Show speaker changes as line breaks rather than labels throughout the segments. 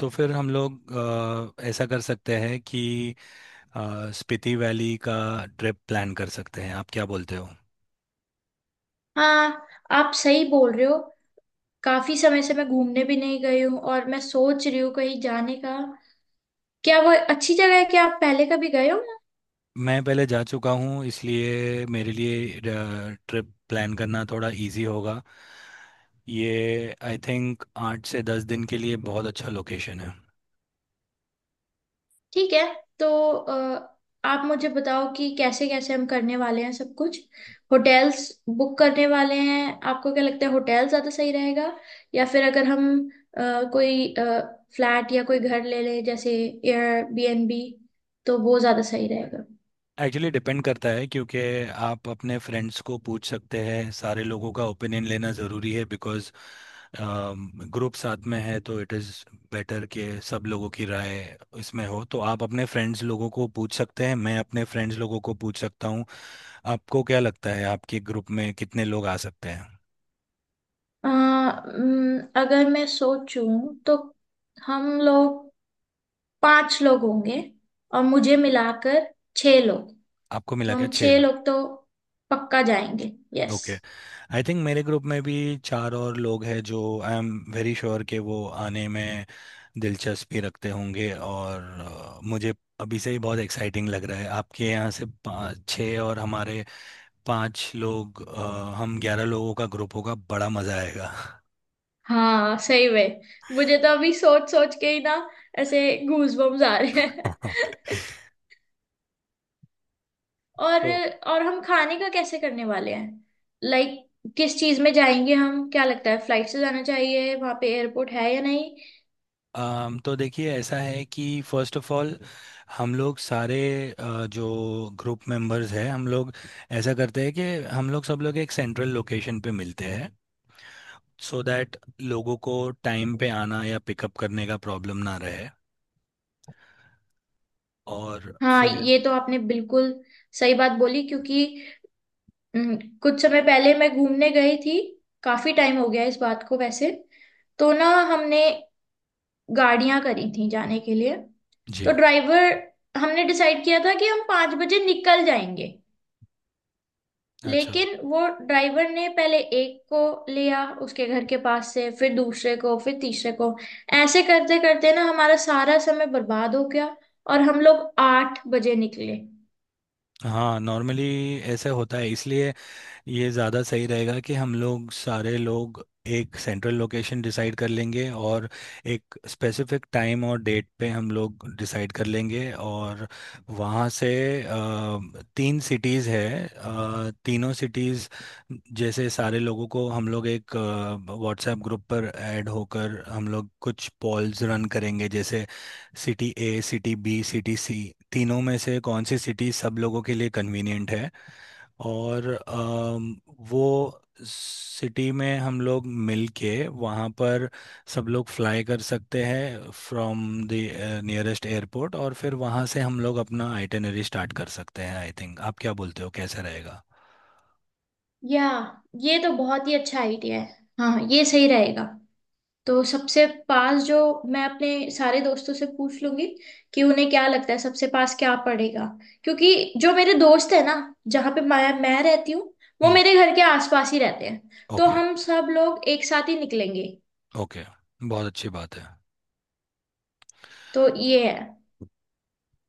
तो फिर हम लोग ऐसा कर सकते हैं कि स्पीति वैली का ट्रिप प्लान कर सकते हैं। आप क्या बोलते हो?
हाँ, आप सही बोल रहे हो। काफी समय से मैं घूमने भी नहीं गई हूँ और मैं सोच रही हूँ कहीं जाने का। क्या वो अच्छी जगह है? क्या आप पहले कभी गए हो?
मैं पहले जा चुका हूँ, इसलिए मेरे लिए ट्रिप प्लान करना थोड़ा इजी होगा। ये आई थिंक 8 से 10 दिन के लिए बहुत अच्छा लोकेशन है।
ठीक है। तो अ, आप मुझे बताओ कि कैसे कैसे हम करने वाले हैं सब कुछ। होटल्स बुक करने वाले हैं। आपको क्या लगता है, होटल ज्यादा सही रहेगा, या फिर अगर हम अ, कोई फ्लैट या कोई घर ले लें, जैसे एयरबीएनबी, तो वो ज्यादा सही रहेगा?
एक्चुअली डिपेंड करता है, क्योंकि आप अपने फ्रेंड्स को पूछ सकते हैं। सारे लोगों का ओपिनियन लेना ज़रूरी है बिकॉज़ ग्रुप साथ में है, तो इट इज़ बेटर कि सब लोगों की राय इसमें हो। तो आप अपने फ्रेंड्स लोगों को पूछ सकते हैं, मैं अपने फ्रेंड्स लोगों को पूछ सकता हूँ। आपको क्या लगता है आपके ग्रुप में कितने लोग आ सकते हैं?
अगर मैं सोचूं तो हम लोग पांच लोग होंगे, और मुझे मिलाकर छह लोग।
आपको मिला
तो
के
हम
छः
छह
लोग।
लोग तो पक्का जाएंगे। यस।
Okay. आई थिंक मेरे ग्रुप में भी चार और लोग हैं जो आई एम वेरी श्योर कि वो आने में दिलचस्पी रखते होंगे। और मुझे अभी से ही बहुत एक्साइटिंग लग रहा है। आपके यहाँ से पाँच छः और हमारे पाँच लोग, हम 11 लोगों का ग्रुप होगा, बड़ा मज़ा आएगा।
हाँ, सही में। मुझे तो अभी सोच सोच के ही ना, ऐसे गूज बम्स आ रहे हैं। और
तो
और हम खाने का कैसे करने वाले हैं। लाइक, किस चीज में जाएंगे हम? क्या लगता है, फ्लाइट से जाना चाहिए? वहां पे एयरपोर्ट है या नहीं?
तो देखिए, ऐसा है कि फर्स्ट ऑफ ऑल हम लोग सारे जो ग्रुप मेंबर्स हैं, हम लोग ऐसा करते हैं कि हम लोग सब लोग एक सेंट्रल लोकेशन पे मिलते हैं, सो दैट लोगों को टाइम पे आना या पिकअप करने का प्रॉब्लम ना रहे। और
हाँ,
फिर
ये तो आपने बिल्कुल सही बात बोली। क्योंकि हम्म, कुछ समय पहले मैं घूमने गई थी। काफी टाइम हो गया इस बात को वैसे। तो ना, हमने गाड़ियां करी थी जाने के लिए। तो
जी।
ड्राइवर, हमने डिसाइड किया था कि हम 5 बजे निकल जाएंगे।
अच्छा।
लेकिन वो ड्राइवर ने पहले एक को लिया उसके घर के पास से, फिर दूसरे को, फिर तीसरे को। ऐसे करते करते ना हमारा सारा समय बर्बाद हो गया, और हम लोग 8 बजे निकले।
हाँ, नॉर्मली ऐसे होता है, इसलिए ये ज़्यादा सही रहेगा कि हम लोग सारे लोग एक सेंट्रल लोकेशन डिसाइड कर लेंगे, और एक स्पेसिफिक टाइम और डेट पे हम लोग डिसाइड कर लेंगे। और वहाँ से तीन सिटीज़ है, तीनों सिटीज़ जैसे सारे लोगों को हम लोग एक व्हाट्सएप ग्रुप पर ऐड होकर हम लोग कुछ पॉल्स रन करेंगे, जैसे city A, city B, city C, तीनों में से कौन सी सिटी सब लोगों के लिए कन्वीनियंट है। और वो सिटी में हम लोग मिल के वहाँ पर सब लोग फ्लाई कर सकते हैं फ्रॉम द नियरेस्ट एयरपोर्ट, और फिर वहाँ से हम लोग अपना आइटिनरी स्टार्ट कर सकते हैं आई थिंक। आप क्या बोलते हो, कैसे रहेगा?
या, ये तो बहुत ही अच्छा आइडिया है। हाँ, ये सही रहेगा। तो सबसे पास जो, मैं अपने सारे दोस्तों से पूछ लूंगी कि उन्हें क्या लगता है, सबसे पास क्या पड़ेगा। क्योंकि जो मेरे दोस्त है ना, जहाँ पे मैं रहती हूँ, वो
हम्म।
मेरे घर के आसपास ही रहते हैं। तो
ओके,
हम सब लोग एक साथ ही निकलेंगे।
ओके, बहुत अच्छी बात है।
तो ये है।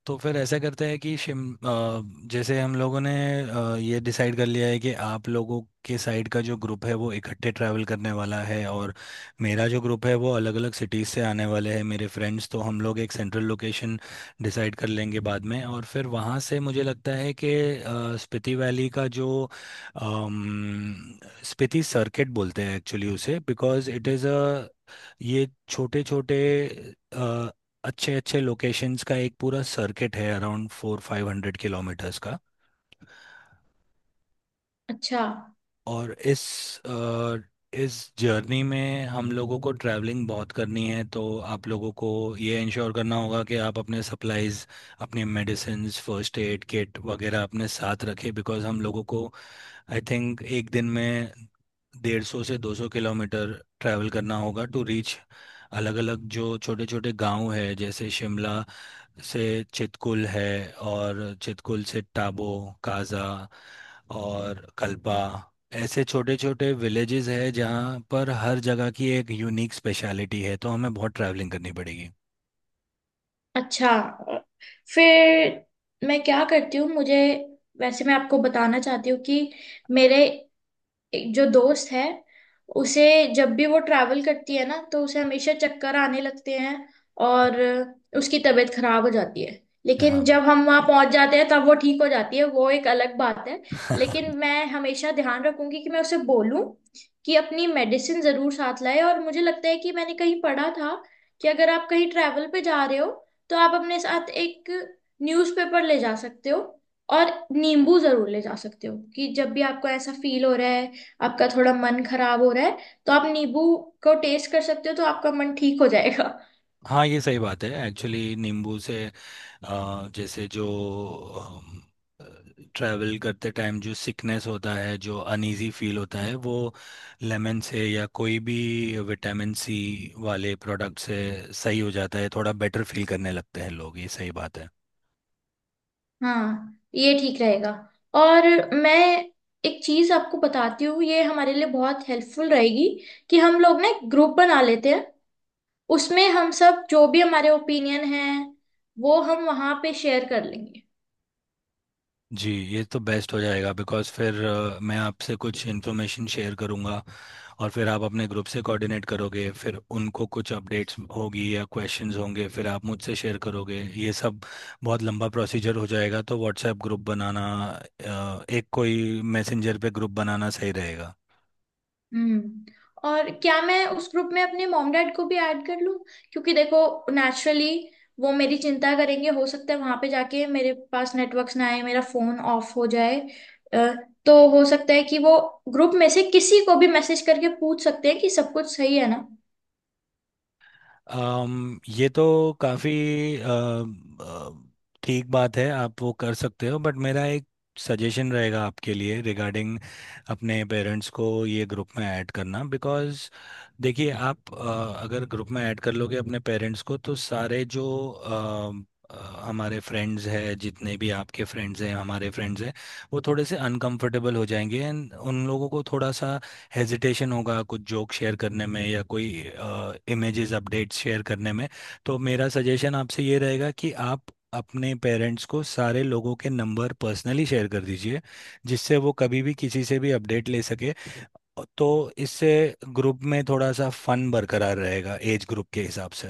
तो फिर ऐसा करते हैं कि जैसे हम लोगों ने ये डिसाइड कर लिया है कि आप लोगों के साइड का जो ग्रुप है वो इकट्ठे ट्रैवल करने वाला है, और मेरा जो ग्रुप है वो अलग अलग सिटीज़ से आने वाले हैं मेरे फ्रेंड्स। तो हम लोग एक सेंट्रल लोकेशन डिसाइड कर लेंगे बाद में, और फिर वहाँ से मुझे लगता है कि स्पीति वैली का जो अम, स्पीति सर्किट बोलते हैं एक्चुअली उसे, बिकॉज इट इज़ अ, ये छोटे छोटे अच्छे अच्छे लोकेशंस का एक पूरा सर्किट है around four five hundred kilometres का।
अच्छा।
और अ, इस जर्नी में हम लोगों को ट्रैवलिंग बहुत करनी है, तो आप लोगों को ये इंश्योर करना होगा कि आप अपने सप्लाइज, अपने मेडिसिन्स, फर्स्ट एड किट वगैरह अपने साथ रखें, बिकॉज़ हम लोगों को आई थिंक एक दिन में 150 से 200 किलोमीटर ट्रैवल करना होगा टू रीच अलग अलग जो छोटे छोटे गांव है, जैसे शिमला से चितकुल है, और चितकुल से टाबो, काजा, और कल्पा, ऐसे छोटे छोटे विलेजेस है जहाँ पर हर जगह की एक यूनिक स्पेशलिटी है, तो हमें बहुत ट्रैवलिंग करनी पड़ेगी।
अच्छा। फिर मैं क्या करती हूँ, मुझे, वैसे मैं आपको बताना चाहती हूँ कि मेरे एक जो दोस्त है, उसे जब भी वो ट्रैवल करती है ना, तो उसे हमेशा चक्कर आने लगते हैं, और उसकी तबीयत खराब हो जाती है। लेकिन जब
हाँ।
हम वहां पहुंच जाते हैं, तब वो ठीक हो जाती है, वो एक अलग बात है। लेकिन मैं हमेशा ध्यान रखूंगी कि मैं उसे बोलूं कि अपनी मेडिसिन जरूर साथ लाए। और मुझे लगता है कि मैंने कहीं पढ़ा था कि अगर आप कहीं ट्रैवल पे जा रहे हो, तो आप अपने साथ एक न्यूज़पेपर ले जा सकते हो, और नींबू जरूर ले जा सकते हो। कि जब भी आपको ऐसा फील हो रहा है, आपका थोड़ा मन खराब हो रहा है, तो आप नींबू को टेस्ट कर सकते हो, तो आपका मन ठीक हो जाएगा।
हाँ, ये सही बात है। एक्चुअली नींबू से जैसे जो ट्रैवल करते टाइम जो सिकनेस होता है, जो अनइजी फील होता है, वो लेमन से या कोई भी विटामिन सी वाले प्रोडक्ट से सही हो जाता है, थोड़ा बेटर फील करने लगते हैं लोग। ये सही बात है।
हाँ, ये ठीक रहेगा। और मैं एक चीज आपको बताती हूँ, ये हमारे लिए बहुत हेल्पफुल रहेगी। कि हम लोग ना एक ग्रुप बना लेते हैं, उसमें हम सब जो भी हमारे ओपिनियन हैं, वो हम वहां पे शेयर कर लेंगे।
जी, ये तो बेस्ट हो जाएगा बिकॉज़ फिर मैं आपसे कुछ इन्फॉर्मेशन शेयर करूँगा, और फिर आप अपने ग्रुप से कोऑर्डिनेट करोगे, फिर उनको कुछ अपडेट्स होगी या क्वेश्चंस होंगे, फिर आप मुझसे शेयर करोगे, ये सब बहुत लंबा प्रोसीजर हो जाएगा। तो व्हाट्सएप ग्रुप बनाना, एक कोई मैसेंजर पे ग्रुप बनाना सही रहेगा।
हम्म। और क्या मैं उस ग्रुप में अपने मॉम डैड को भी ऐड कर लूं? क्योंकि देखो, नेचुरली वो मेरी चिंता करेंगे। हो सकता है वहां पे जाके मेरे पास नेटवर्क्स ना आए, मेरा फोन ऑफ हो जाए। अ, तो हो सकता है कि वो ग्रुप में से किसी को भी मैसेज करके पूछ सकते हैं कि सब कुछ सही है ना।
ये तो काफ़ी ठीक बात है, आप वो कर सकते हो, बट मेरा एक सजेशन रहेगा आपके लिए रिगार्डिंग अपने पेरेंट्स को ये ग्रुप में ऐड करना, बिकॉज़ देखिए, आप अगर ग्रुप में ऐड कर लोगे अपने पेरेंट्स को तो सारे जो अ, हमारे फ्रेंड्स हैं, जितने भी आपके फ्रेंड्स हैं, हमारे फ्रेंड्स हैं, वो थोड़े से अनकंफर्टेबल हो जाएंगे, एंड उन लोगों को थोड़ा सा हेजिटेशन होगा कुछ जोक शेयर करने में या कोई इमेजेस, अपडेट्स शेयर करने में। तो मेरा सजेशन आपसे ये रहेगा कि आप अपने पेरेंट्स को सारे लोगों के नंबर पर्सनली शेयर कर दीजिए, जिससे वो कभी भी किसी से भी अपडेट ले सके। तो इससे ग्रुप में थोड़ा सा फन बरकरार रहेगा एज ग्रुप के हिसाब से।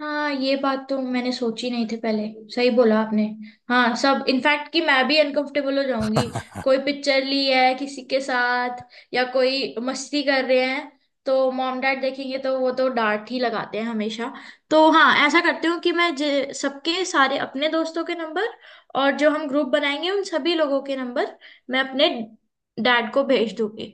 हाँ, ये बात तो मैंने सोची नहीं थी पहले। सही बोला आपने। हाँ, सब, इनफैक्ट कि मैं भी अनकंफर्टेबल हो जाऊंगी। कोई पिक्चर ली है किसी के साथ, या कोई मस्ती कर रहे हैं, तो मॉम डैड देखेंगे, तो वो तो डांट ही लगाते हैं हमेशा। तो हाँ, ऐसा करती हूँ कि मैं सबके सारे अपने दोस्तों के नंबर, और जो हम ग्रुप बनाएंगे उन सभी लोगों के नंबर मैं अपने डैड को भेज दूंगी।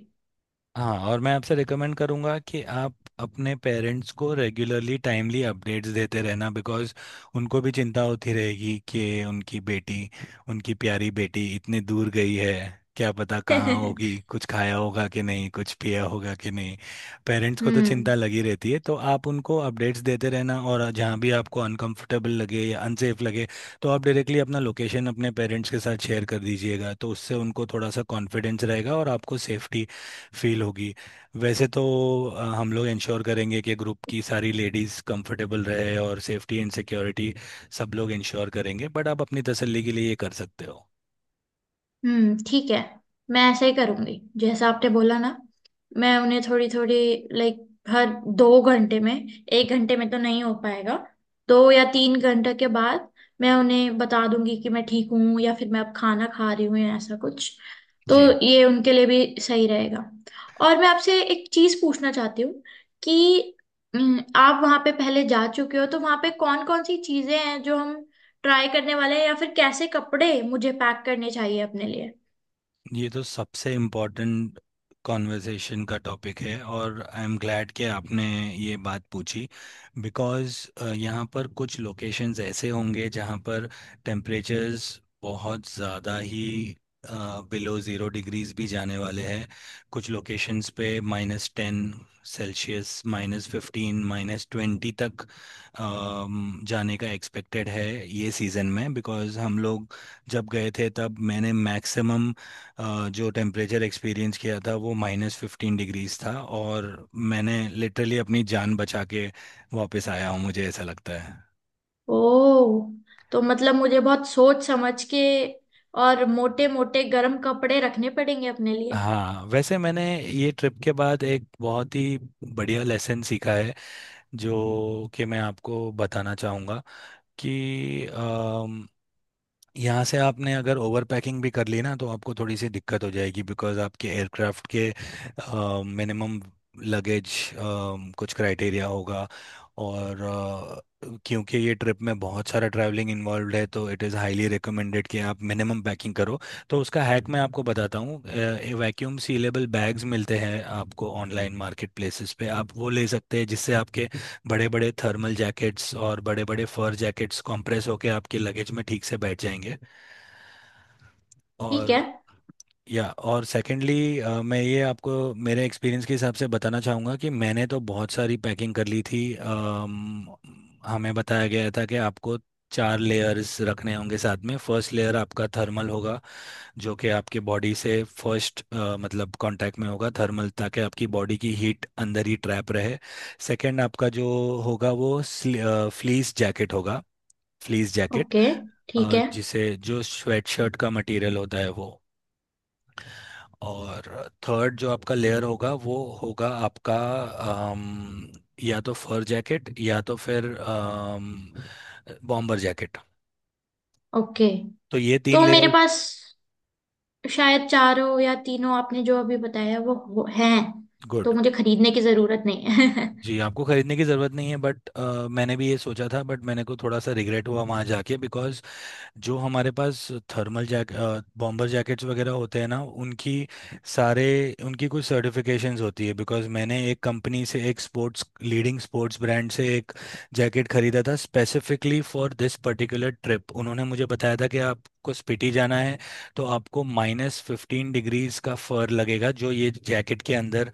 हाँ, और मैं आपसे रिकमेंड करूँगा कि आप अपने पेरेंट्स को रेगुलरली टाइमली अपडेट्स देते रहना, बिकॉज़ उनको भी चिंता होती रहेगी कि उनकी बेटी, उनकी प्यारी बेटी इतने दूर गई है, क्या पता कहाँ होगी, कुछ खाया होगा कि नहीं, कुछ पिया होगा कि नहीं। पेरेंट्स को तो
हम्म।
चिंता लगी रहती है, तो आप उनको अपडेट्स देते रहना, और जहाँ भी आपको अनकंफर्टेबल लगे या अनसेफ लगे, तो आप डायरेक्टली अपना लोकेशन अपने पेरेंट्स के साथ शेयर कर दीजिएगा, तो उससे उनको थोड़ा सा कॉन्फिडेंस रहेगा और आपको सेफ्टी फील होगी। वैसे तो हम लोग इंश्योर करेंगे कि ग्रुप की सारी लेडीज़ कंफर्टेबल रहे और सेफ्टी एंड सिक्योरिटी सब लोग इंश्योर करेंगे, बट आप अपनी तसल्ली के लिए ये कर सकते हो।
हम्म, ठीक है। मैं ऐसे ही करूंगी, जैसा आपने बोला ना। मैं उन्हें थोड़ी थोड़ी, लाइक, हर 2 घंटे में, 1 घंटे में तो नहीं हो पाएगा, 2 या 3 घंटे के बाद मैं उन्हें बता दूंगी कि मैं ठीक हूँ, या फिर मैं अब खाना खा रही हूँ, या ऐसा कुछ। तो
जी,
ये उनके लिए भी सही रहेगा। और मैं आपसे एक चीज पूछना चाहती हूँ कि आप वहाँ पे पहले जा चुके हो, तो वहाँ पे कौन कौन सी चीजें हैं जो हम ट्राई करने वाले हैं, या फिर कैसे कपड़े मुझे पैक करने चाहिए अपने लिए?
ये तो सबसे इम्पोर्टेंट कॉन्वर्सेशन का टॉपिक है, और आई एम ग्लैड कि आपने ये बात पूछी, बिकॉज़ यहाँ पर कुछ लोकेशंस ऐसे होंगे जहाँ पर टेम्परेचर्स बहुत ज़्यादा ही बिलो ज़ीरो डिग्रीज भी जाने वाले हैं। कुछ लोकेशंस पे -10 सेल्सियस, -15, -20 तक जाने का एक्सपेक्टेड है। ये सीज़न में बिकॉज़ हम लोग जब गए थे, तब मैंने मैक्सिमम जो टेम्परेचर एक्सपीरियंस किया था, वो -15 डिग्रीज था। और मैंने लिटरली अपनी जान बचा के वापस आया हूँ, मुझे ऐसा लगता है।
ओ, तो मतलब मुझे बहुत सोच समझ के और मोटे मोटे गर्म कपड़े रखने पड़ेंगे अपने लिए।
हाँ, वैसे मैंने ये ट्रिप के बाद एक बहुत ही बढ़िया लेसन सीखा है, जो कि मैं आपको बताना चाहूँगा, कि यहाँ से आपने अगर ओवर पैकिंग भी कर ली ना, तो आपको थोड़ी सी दिक्कत हो जाएगी, बिकॉज आपके एयरक्राफ्ट के मिनिमम लगेज कुछ क्राइटेरिया होगा। और क्योंकि ये ट्रिप में बहुत सारा ट्रैवलिंग इन्वॉल्व है, तो इट इज़ हाईली रिकमेंडेड कि आप मिनिमम पैकिंग करो। तो उसका हैक मैं आपको बताता हूँ। वैक्यूम सीलेबल बैग्स मिलते हैं आपको ऑनलाइन मार्केट प्लेसेस पे, आप वो ले सकते हैं, जिससे आपके बड़े बड़े थर्मल जैकेट्स और बड़े बड़े फर जैकेट्स कंप्रेस होके आपके लगेज में ठीक से बैठ जाएंगे।
ठीक है।
और या और सेकेंडली मैं ये आपको मेरे एक्सपीरियंस के हिसाब से बताना चाहूँगा, कि मैंने तो बहुत सारी पैकिंग कर ली थी। हमें बताया गया था कि आपको चार लेयर्स रखने होंगे साथ में। फर्स्ट लेयर आपका थर्मल होगा, जो कि आपकी बॉडी से फर्स्ट मतलब कांटेक्ट में होगा, थर्मल, ताकि आपकी बॉडी की हीट अंदर ही ट्रैप रहे। सेकंड आपका जो होगा वो फ्लीस जैकेट होगा, फ्लीस जैकेट,
ओके। ठीक है।
जिसे जो स्वेट शर्ट का मटेरियल होता है वो। और थर्ड जो आपका लेयर होगा वो होगा आपका अम, या तो फर जैकेट, या तो फिर बॉम्बर जैकेट।
ओके,
तो ये तीन
तो मेरे
लेयर।
पास शायद चारों या तीनों आपने जो अभी बताया वो हैं।
गुड।
तो मुझे खरीदने की जरूरत नहीं है।
जी, आपको खरीदने की ज़रूरत नहीं है, बट मैंने भी ये सोचा था, बट मैंने को थोड़ा सा रिग्रेट हुआ वहाँ जाके, बिकॉज जो हमारे पास थर्मल जैक, बॉम्बर जैकेट्स वगैरह होते हैं ना, उनकी सारे उनकी कुछ सर्टिफिकेशंस होती है। बिकॉज मैंने एक कंपनी से, एक स्पोर्ट्स, लीडिंग स्पोर्ट्स ब्रांड से एक जैकेट खरीदा था specifically for this particular trip, उन्होंने मुझे बताया था कि आपको स्पीति जाना है, तो आपको -15 डिग्रीज का फर लगेगा, जो ये जैकेट के अंदर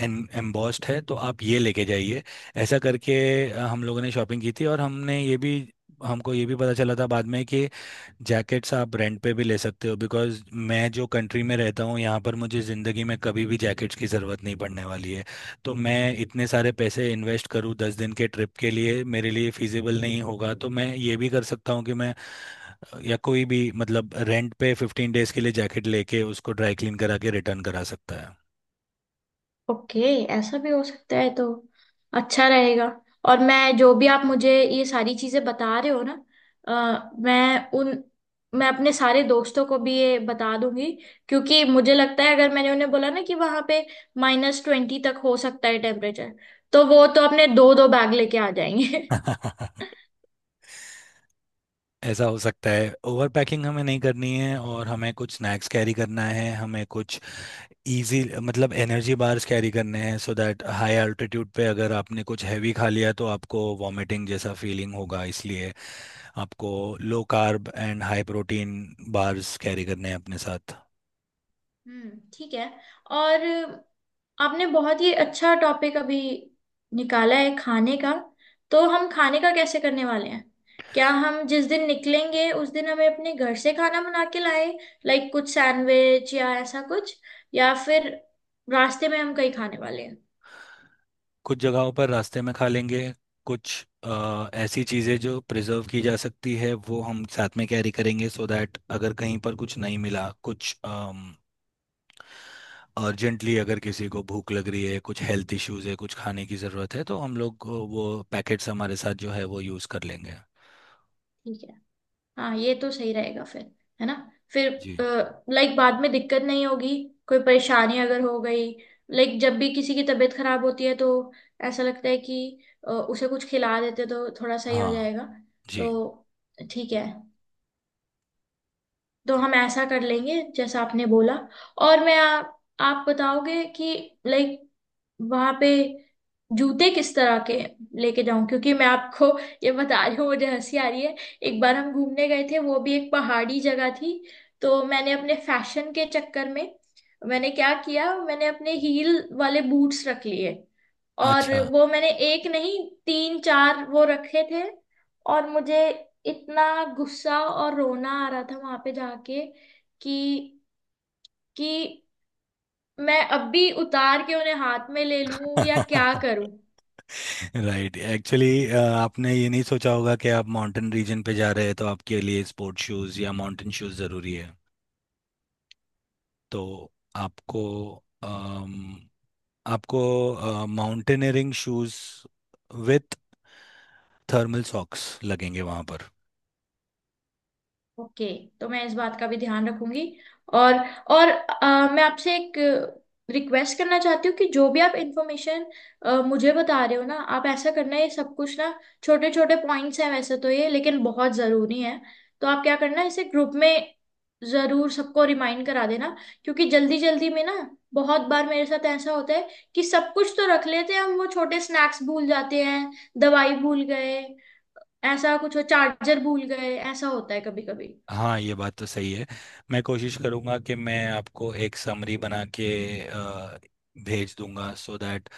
एम्बॉस्ड है, तो आप ये लेके जाइए। ऐसा करके हम लोगों ने शॉपिंग की थी, और हमने ये भी हमको ये भी पता चला था बाद में कि जैकेट्स आप रेंट पे भी ले सकते हो, बिकॉज मैं जो कंट्री में रहता हूँ यहाँ पर, मुझे ज़िंदगी में कभी भी जैकेट्स की ज़रूरत नहीं पड़ने वाली है। तो मैं इतने सारे पैसे इन्वेस्ट करूँ 10 दिन के ट्रिप के लिए, मेरे लिए फिजिबल नहीं होगा, तो मैं ये भी कर सकता हूँ कि मैं या कोई भी, मतलब, रेंट पे 15 डेज के लिए जैकेट लेके उसको ड्राई क्लीन करा के रिटर्न करा सकता है।
ओके, ऐसा भी हो सकता है, तो अच्छा रहेगा। और मैं, जो भी आप मुझे ये सारी चीजें बता रहे हो ना, मैं उन, मैं अपने सारे दोस्तों को भी ये बता दूंगी। क्योंकि मुझे लगता है, अगर मैंने उन्हें बोला ना कि वहां पे -20 तक हो सकता है टेम्परेचर, तो वो तो अपने दो दो बैग लेके आ जाएंगे।
ऐसा हो सकता है। ओवर पैकिंग हमें नहीं करनी है, और हमें कुछ स्नैक्स कैरी करना है, हमें कुछ इजी, मतलब एनर्जी बार्स कैरी करने हैं, सो दैट हाई अल्टीट्यूड पे अगर आपने कुछ हैवी खा लिया तो आपको वॉमिटिंग जैसा फीलिंग होगा, इसलिए आपको low carb and high protein bars carry करने हैं अपने साथ।
हम्म, ठीक है। और आपने बहुत ही अच्छा टॉपिक अभी निकाला है खाने का। तो हम खाने का कैसे करने वाले हैं? क्या हम जिस दिन निकलेंगे, उस दिन हमें अपने घर से खाना बना के लाए? लाइक, कुछ सैंडविच या ऐसा कुछ, या फिर रास्ते में हम कहीं खाने वाले हैं?
कुछ जगहों पर रास्ते में खा लेंगे, कुछ ऐसी चीज़ें जो प्रिजर्व की जा सकती है वो हम साथ में कैरी करेंगे, सो दैट अगर कहीं पर कुछ नहीं मिला, कुछ अर्जेंटली अगर किसी को भूख लग रही है, कुछ हेल्थ इश्यूज है, कुछ खाने की ज़रूरत है, तो हम लोग को वो पैकेट्स हमारे साथ जो है वो यूज़ कर लेंगे।
ठीक है। हाँ, ये तो सही रहेगा फिर, है ना? फिर,
जी।
लाइक, बाद में दिक्कत नहीं होगी कोई परेशानी अगर हो गई। लाइक, जब भी किसी की तबीयत खराब होती है, तो ऐसा लगता है कि उसे कुछ खिला देते तो थोड़ा सही हो
हाँ।
जाएगा।
जी।
तो ठीक है। तो हम ऐसा कर लेंगे जैसा आपने बोला। और आप बताओगे कि लाइक, वहां पे जूते किस तरह के लेके जाऊं? क्योंकि मैं आपको ये बता रही हूँ, मुझे हंसी आ रही है। एक बार हम घूमने गए थे, वो भी एक पहाड़ी जगह थी। तो मैंने अपने फैशन के चक्कर में, मैंने क्या किया, मैंने अपने हील वाले बूट्स रख लिए। और
अच्छा।
वो मैंने एक नहीं, तीन चार वो रखे थे। और मुझे इतना गुस्सा और रोना आ रहा था वहां पे जाके कि कि मैं अब भी उतार के उन्हें हाथ में ले लूं या क्या करूं।
राइट, एक्चुअली आपने ये नहीं सोचा होगा कि आप माउंटेन रीजन पे जा रहे हैं, तो आपके लिए स्पोर्ट शूज़ या माउंटेन शूज़ ज़रूरी है। तो आपको अम, आपको mountaineering shoes with thermal socks लगेंगे वहाँ पर।
ओके, तो मैं इस बात का भी ध्यान रखूंगी। और और मैं आपसे एक रिक्वेस्ट करना चाहती हूँ कि जो भी आप इंफॉर्मेशन मुझे बता रहे हो ना, आप ऐसा करना, ये सब कुछ ना छोटे छोटे पॉइंट्स हैं वैसे तो ये, लेकिन बहुत ज़रूरी है। तो आप क्या करना, इसे ग्रुप में ज़रूर सबको रिमाइंड करा देना। क्योंकि जल्दी जल्दी में ना, बहुत बार मेरे साथ ऐसा होता है कि सब कुछ तो रख लेते हैं हम, वो छोटे स्नैक्स भूल जाते हैं, दवाई भूल गए, ऐसा कुछ हो, चार्जर भूल गए, ऐसा होता है कभी कभी।
हाँ, ये बात तो सही है, मैं कोशिश करूँगा कि मैं आपको एक समरी बना के अ, भेज दूंगा, सो दैट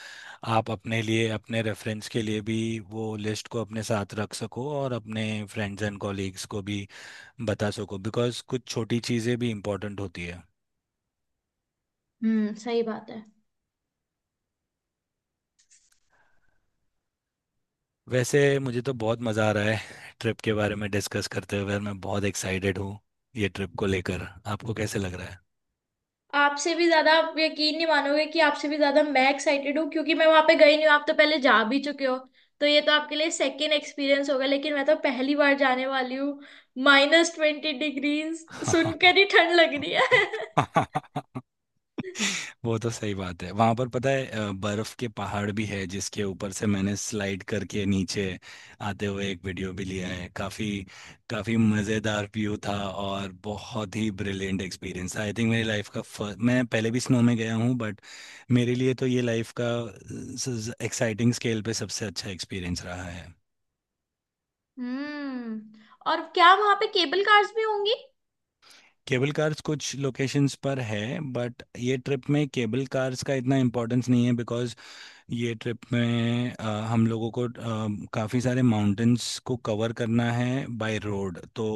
आप अपने लिए, अपने रेफरेंस के लिए भी वो लिस्ट को अपने साथ रख सको और अपने फ्रेंड्स एंड कॉलीग्स को भी बता सको, बिकॉज़ कुछ छोटी चीज़ें भी इम्पोर्टेंट होती है।
हम्म, सही बात है।
वैसे मुझे तो बहुत मज़ा आ रहा है ट्रिप के बारे में डिस्कस करते हुए, और मैं बहुत एक्साइटेड हूँ। ये ट्रिप को लेकर आपको कैसे लग रहा
आपसे भी ज्यादा, आप यकीन नहीं मानोगे कि आपसे भी ज्यादा मैं एक्साइटेड हूँ। क्योंकि मैं वहां पे गई नहीं हूँ, आप तो पहले जा भी चुके हो। तो ये तो आपके लिए सेकेंड एक्सपीरियंस होगा, लेकिन मैं तो पहली बार जाने वाली हूँ। -20 डिग्री
है?
सुनकर ही ठंड लग रही है।
वो तो सही बात है, वहां पर पता है बर्फ के पहाड़ भी है, जिसके ऊपर से मैंने स्लाइड करके नीचे आते हुए एक वीडियो भी लिया है। काफी काफी मजेदार व्यू था, और बहुत ही ब्रिलियंट एक्सपीरियंस था आई थिंक। मेरी लाइफ का फर्स्ट, मैं पहले भी स्नो में गया हूँ बट मेरे लिए तो ये लाइफ का एक्साइटिंग स्केल पे सबसे अच्छा एक्सपीरियंस रहा है।
हम्म, और क्या वहां पे केबल कार्स भी होंगी?
केबल कार्स कुछ लोकेशंस पर है, बट ये ट्रिप में केबल कार्स का इतना इम्पोर्टेंस नहीं है, बिकॉज ये ट्रिप में हम लोगों को काफ़ी सारे माउंटेन्स को कवर करना है बाय रोड, तो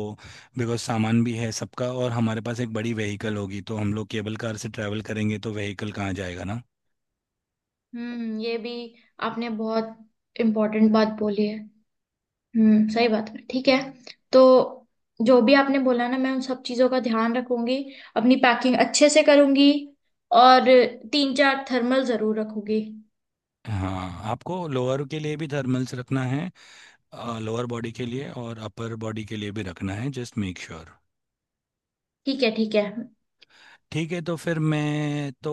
बिकॉज सामान भी है सबका और हमारे पास एक बड़ी व्हीकल होगी, तो हम लोग केबल कार से ट्रैवल करेंगे तो व्हीकल कहाँ जाएगा ना।
हम्म, ये भी आपने बहुत इम्पोर्टेंट बात बोली है। हम्म, सही बात है। ठीक है। तो जो भी आपने बोला ना, मैं उन सब चीजों का ध्यान रखूंगी। अपनी पैकिंग अच्छे से करूंगी, और तीन चार थर्मल जरूर रखूंगी।
हाँ, आपको लोअर के लिए भी थर्मल्स रखना है, लोअर बॉडी के लिए और अपर बॉडी के लिए भी रखना है, जस्ट मेक श्योर।
ठीक है। ठीक
ठीक है, तो फिर मैं तो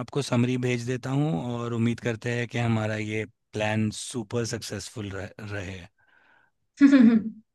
आपको समरी भेज देता हूँ, और उम्मीद करते हैं कि हमारा ये प्लान सुपर सक्सेसफुल रहे।
है।